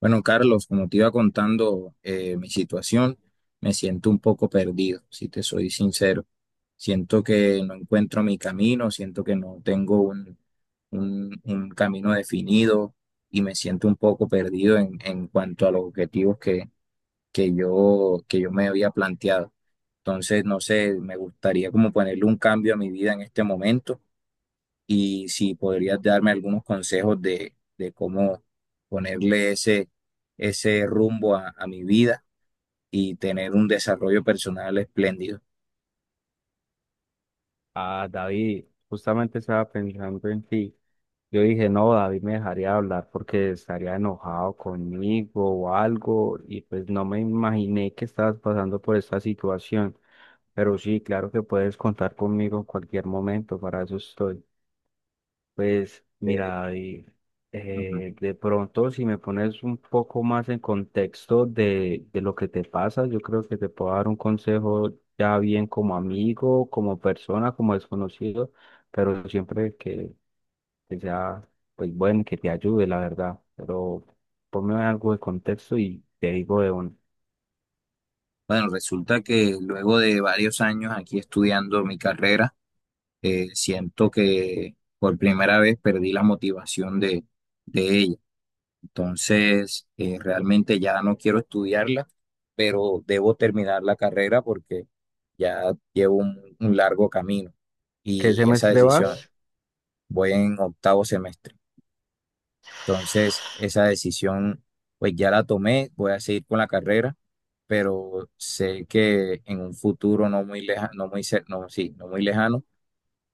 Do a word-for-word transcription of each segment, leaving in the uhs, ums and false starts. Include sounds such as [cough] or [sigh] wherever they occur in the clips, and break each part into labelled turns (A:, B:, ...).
A: Bueno, Carlos, como te iba contando eh, mi situación, me siento un poco perdido, si te soy sincero. Siento que no encuentro mi camino, siento que no tengo un, un- un camino definido y me siento un poco perdido en, en cuanto a los objetivos que, que yo, que yo me había planteado. Entonces, no sé, me gustaría como ponerle un cambio a mi vida en este momento y si podrías darme algunos consejos de, de cómo ponerle ese, ese rumbo a, a mi vida y tener un desarrollo personal espléndido.
B: Ah, David, justamente estaba pensando en ti. Yo dije, no, David me dejaría hablar porque estaría enojado conmigo o algo, y pues no me imaginé que estabas pasando por esta situación. Pero sí, claro que puedes contar conmigo en cualquier momento, para eso estoy. Pues
A: Eh,
B: mira, y,
A: ujú.
B: eh, de pronto si me pones un poco más en contexto de, de lo que te pasa, yo creo que te puedo dar un consejo ya bien como amigo, como persona, como desconocido, pero siempre que, que sea pues bueno, que te ayude, la verdad. Pero ponme algo de contexto y te digo de un.
A: Bueno, resulta que luego de varios años aquí estudiando mi carrera, eh, siento que por primera vez perdí la motivación de, de ella. Entonces, eh, realmente ya no quiero estudiarla, pero debo terminar la carrera porque ya llevo un, un largo camino
B: ¿Qué
A: y esa
B: semestre
A: decisión,
B: vas?
A: voy en octavo semestre. Entonces, esa decisión, pues ya la tomé, voy a seguir con la carrera, pero sé que en un futuro no muy lejano, no muy, cer- no, sí, no muy lejano,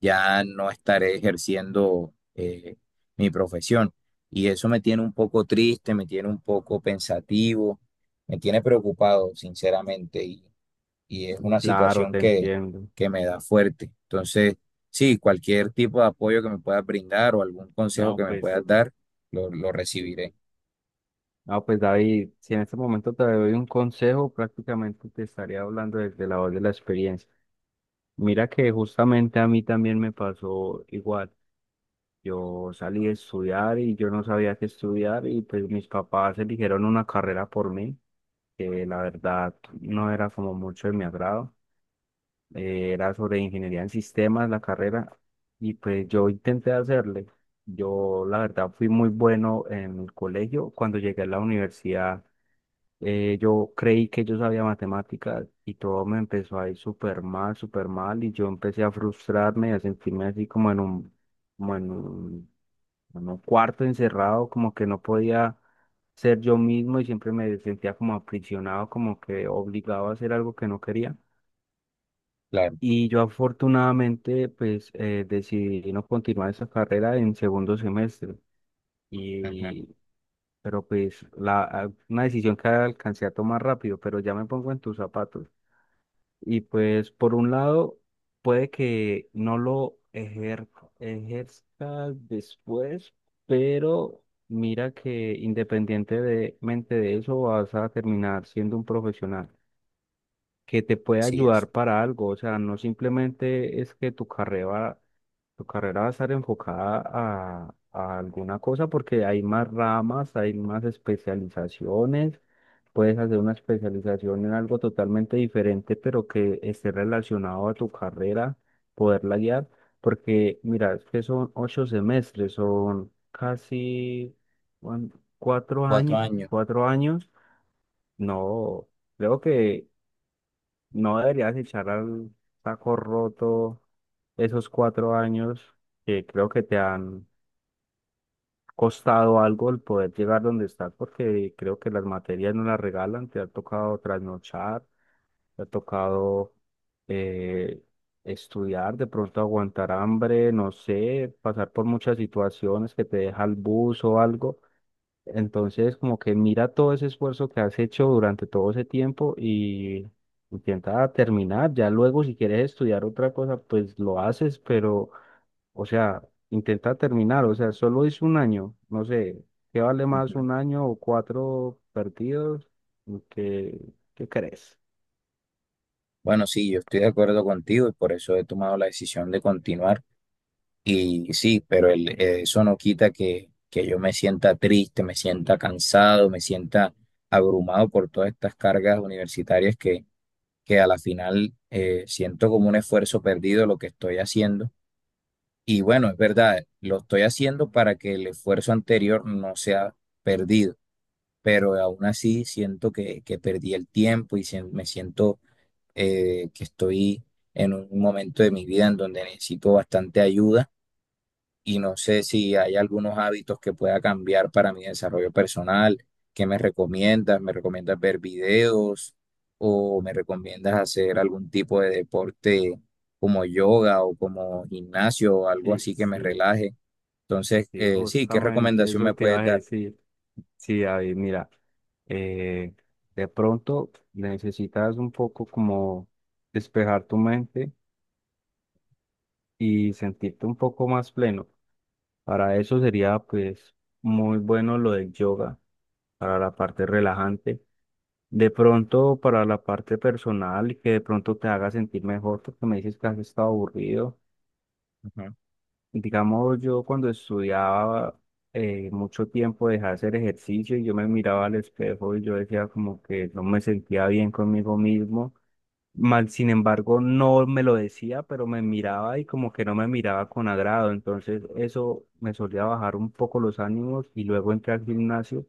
A: ya no estaré ejerciendo eh, mi profesión. Y eso me tiene un poco triste, me tiene un poco pensativo, me tiene preocupado, sinceramente, y, y es una
B: Claro,
A: situación
B: te
A: que,
B: entiendo.
A: que me da fuerte. Entonces, sí, cualquier tipo de apoyo que me puedas brindar o algún consejo
B: No,
A: que me
B: pues
A: puedas dar, lo, lo
B: sí.
A: recibiré.
B: Ah, pues David, si en este momento te doy un consejo, prácticamente te estaría hablando desde la voz de la experiencia. Mira que justamente a mí también me pasó igual. Yo salí a estudiar y yo no sabía qué estudiar y pues mis papás eligieron una carrera por mí, que la verdad no era como mucho de mi agrado. Eh, era sobre ingeniería en sistemas, la carrera, y pues yo intenté hacerle. Yo, la verdad, fui muy bueno en el colegio. Cuando llegué a la universidad, eh, yo creí que yo sabía matemáticas y todo me empezó a ir súper mal, súper mal, y yo empecé a frustrarme y a sentirme así como en un, como en un, en un cuarto encerrado, como que no podía ser yo mismo y siempre me sentía como aprisionado, como que obligado a hacer algo que no quería.
A: Claro.
B: Y yo afortunadamente pues eh, decidí no continuar esa carrera en segundo semestre.
A: Ujú.
B: Y, pero pues la, a- una decisión que alcancé a tomar rápido, pero ya me pongo en tus zapatos. Y pues por un lado puede que no lo ejer, ejerzas después, pero mira que independientemente de eso vas a terminar siendo un profesional que te puede
A: Así es.
B: ayudar para algo, o sea, no simplemente es que tu carrera tu carrera va a estar enfocada a, a alguna cosa porque hay más ramas, hay más especializaciones. Puedes hacer una especialización en algo totalmente diferente, pero que esté relacionado a tu carrera, poderla guiar. Porque mira, es que son ocho semestres, son casi cuan- cuatro
A: Cuatro
B: años,
A: años.
B: cuatro años. No, creo que no deberías echar al saco roto esos cuatro años que creo que te han costado algo el poder llegar donde estás, porque creo que las materias no las regalan, te ha tocado trasnochar, te ha tocado eh, estudiar, de pronto aguantar hambre, no sé, pasar por muchas situaciones que te deja el bus o algo, entonces, como que mira todo ese esfuerzo que has hecho durante todo ese tiempo y intenta terminar. Ya luego, si quieres estudiar otra cosa, pues lo haces, pero, o sea, intenta terminar. O sea, solo es un año. No sé, ¿qué vale
A: Ujú.
B: más un año o cuatro perdidos? ¿Qué, qué crees?
A: Bueno, sí, yo estoy de acuerdo contigo y por eso he tomado la decisión de continuar. Y sí, pero el- eh, eso no quita que, que yo me sienta triste, me sienta cansado, me sienta abrumado por todas estas cargas universitarias que, que a la final eh, siento como un esfuerzo perdido lo que estoy haciendo. Y bueno, es verdad, lo estoy haciendo para que el esfuerzo anterior no sea perdido, pero aún así siento que, que perdí el tiempo y sien- me siento eh, que estoy en un momento de mi vida en donde necesito bastante ayuda y no sé si hay algunos hábitos que pueda cambiar para mi desarrollo personal. ¿Qué me recomiendas? ¿Me recomiendas ver videos o me recomiendas hacer algún tipo de deporte como yoga o como gimnasio o algo
B: Sí,
A: así que me
B: sí,
A: relaje? Entonces,
B: sí,
A: eh, sí, ¿qué
B: justamente
A: recomendación
B: eso
A: me
B: te iba
A: puedes
B: a
A: dar?
B: decir. Sí, David, mira, eh, de pronto necesitas un poco como despejar tu mente y sentirte un poco más pleno. Para eso sería pues muy bueno lo del yoga, para la parte relajante. De pronto para la parte personal y que de pronto te haga sentir mejor porque me dices que has estado aburrido.
A: Ujú,
B: Digamos, yo cuando estudiaba eh, mucho tiempo dejé de hacer ejercicio y yo me miraba al espejo y yo decía como que no me sentía bien conmigo mismo. Mal, sin embargo, no me lo decía, pero me miraba y como que no me miraba con agrado. Entonces eso me solía bajar un poco los ánimos y luego entré al gimnasio.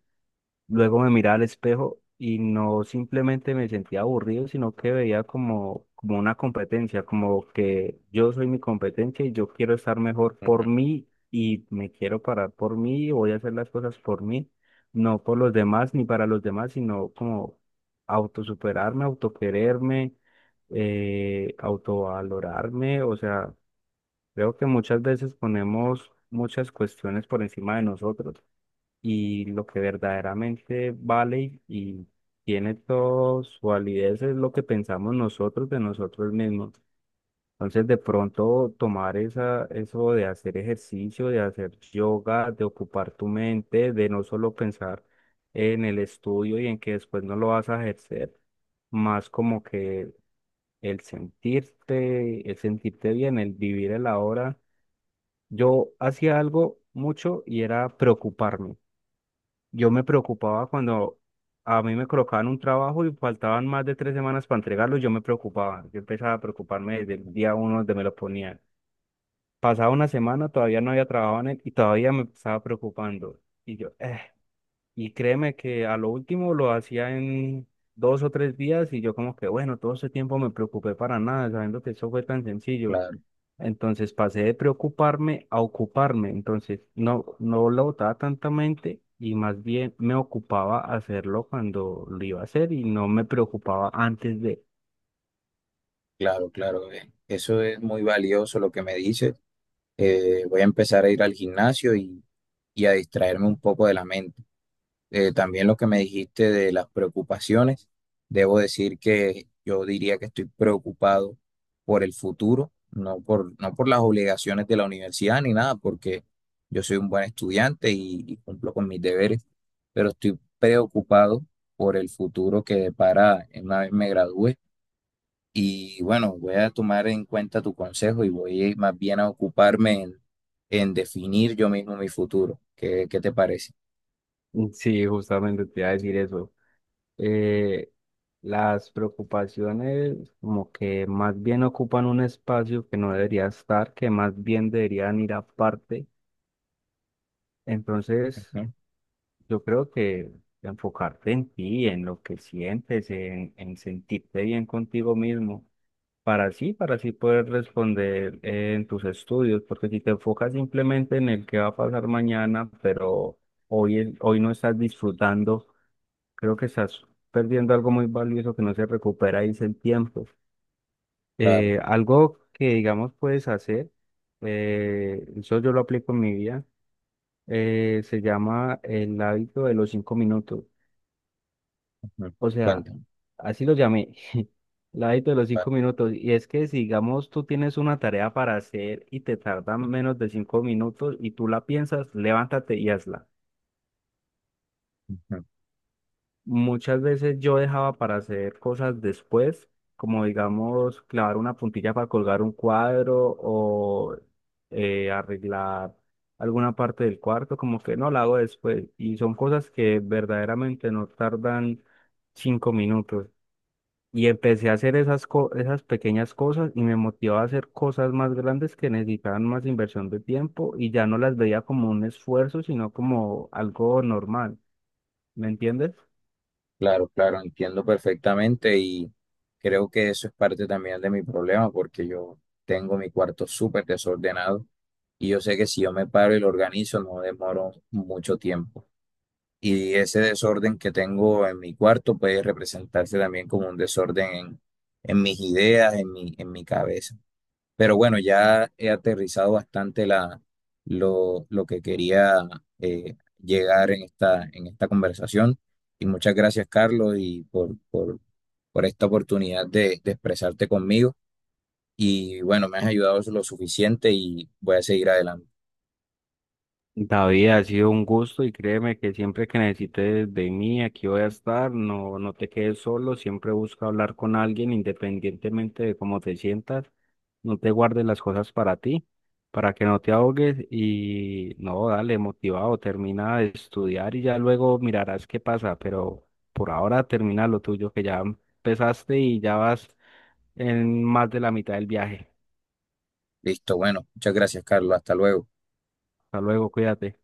B: Luego me miraba al espejo y no simplemente me sentía aburrido, sino que veía como, como una competencia, como que yo soy mi competencia y yo quiero estar mejor por
A: ujú,
B: mí y me quiero parar por mí y voy a hacer las cosas por mí, no por los demás ni para los demás, sino como autosuperarme, autoquererme, eh, autovalorarme. O sea, creo que muchas veces ponemos muchas cuestiones por encima de nosotros y lo que verdaderamente vale y tiene toda su validez es lo que pensamos nosotros de nosotros mismos. Entonces, de pronto tomar esa, eso de hacer ejercicio, de hacer yoga, de ocupar tu mente, de no solo pensar en el estudio y en que después no lo vas a ejercer, más como que el sentirte, el sentirte bien, el vivir el ahora. Yo hacía algo mucho y era preocuparme. Yo me preocupaba cuando a mí me colocaban un trabajo y faltaban más de tres semanas para entregarlo, yo me preocupaba. Yo empezaba a preocuparme desde el
A: ujú.
B: día uno donde me lo ponían. Pasaba una semana, todavía no había trabajado en él y todavía me estaba preocupando. Y yo, eh. Y créeme que a lo último lo hacía en dos o tres días y yo como que, bueno, todo ese tiempo me preocupé para nada, sabiendo que eso fue tan sencillo.
A: Claro,
B: Entonces pasé de preocuparme a ocuparme. Entonces no, no lo botaba tantamente y más bien me ocupaba hacerlo cuando lo iba a hacer y no me preocupaba antes de. [laughs]
A: claro, claro. eh, Eso es muy valioso lo que me dices. Eh, voy a empezar a ir al gimnasio y, y a distraerme un poco de la mente. Eh, también lo que me dijiste de las preocupaciones, debo decir que yo diría que estoy preocupado por el futuro, no por, no por las obligaciones de la universidad ni nada, porque yo soy un buen estudiante y, y cumplo con mis deberes, pero estoy preocupado por el futuro que depara una vez me gradúe. Y bueno, voy a tomar en cuenta tu consejo y voy más bien a ocuparme en, en definir yo mismo mi futuro. ¿Qué, qué te parece?
B: Sí, justamente te iba a decir eso. Eh, las preocupaciones como que más bien ocupan un espacio que no debería estar, que más bien deberían ir aparte. Entonces.
A: ¿No?
B: Yo creo que enfocarte en ti, en lo que sientes, en, en sentirte bien contigo mismo, para así, para así poder responder en tus estudios, porque si te enfocas simplemente en el que va a pasar mañana, pero hoy, es- hoy no estás disfrutando, creo que estás perdiendo algo muy valioso que no se recupera y es el tiempo.
A: Claro.
B: Eh, algo que, digamos, puedes hacer, eh, eso yo lo aplico en mi vida, eh, se llama el hábito de los cinco minutos.
A: Mm.
B: O sea,
A: Cuéntame.
B: así lo llamé, [laughs] el hábito de los
A: Vale.
B: cinco minutos. Y es que, si, digamos, tú tienes una tarea para hacer y te tardan menos de cinco minutos y tú la piensas, levántate y hazla.
A: Ujú.
B: Muchas veces yo dejaba para hacer cosas después, como, digamos, clavar una puntilla para colgar un cuadro o eh, arreglar alguna parte del cuarto, como que no la hago después. Y son cosas que verdaderamente no tardan cinco minutos. Y empecé a hacer esas, co- esas pequeñas cosas y me motivó a hacer cosas más grandes que necesitaban más inversión de tiempo y ya no las veía como un esfuerzo, sino como algo normal. ¿Me entiendes?
A: Claro, claro, entiendo perfectamente y creo que eso es parte también de mi problema porque yo tengo mi cuarto súper desordenado y yo sé que si yo me paro y lo organizo no demoro mucho tiempo. Y ese desorden que tengo en mi cuarto puede representarse también como un desorden en, en mis ideas, en mi, en mi cabeza. Pero bueno, ya he aterrizado bastante la, lo, lo que quería eh, llegar en esta, en esta conversación. Y muchas gracias, Carlos, y por, por, por esta oportunidad de, de expresarte conmigo. Y bueno, me has ayudado lo suficiente y voy a seguir adelante.
B: David, ha sido un gusto y créeme que siempre que necesites de mí, aquí voy a estar, no, no te quedes solo, siempre busca hablar con alguien independientemente de cómo te sientas, no te guardes las cosas para ti, para que no te ahogues y no, dale, motivado, termina de estudiar y ya luego mirarás qué pasa, pero por ahora termina lo tuyo que ya empezaste y ya vas en más de la mitad del viaje.
A: Listo, bueno, muchas gracias, Carlos. Hasta luego.
B: Hasta luego, cuídate.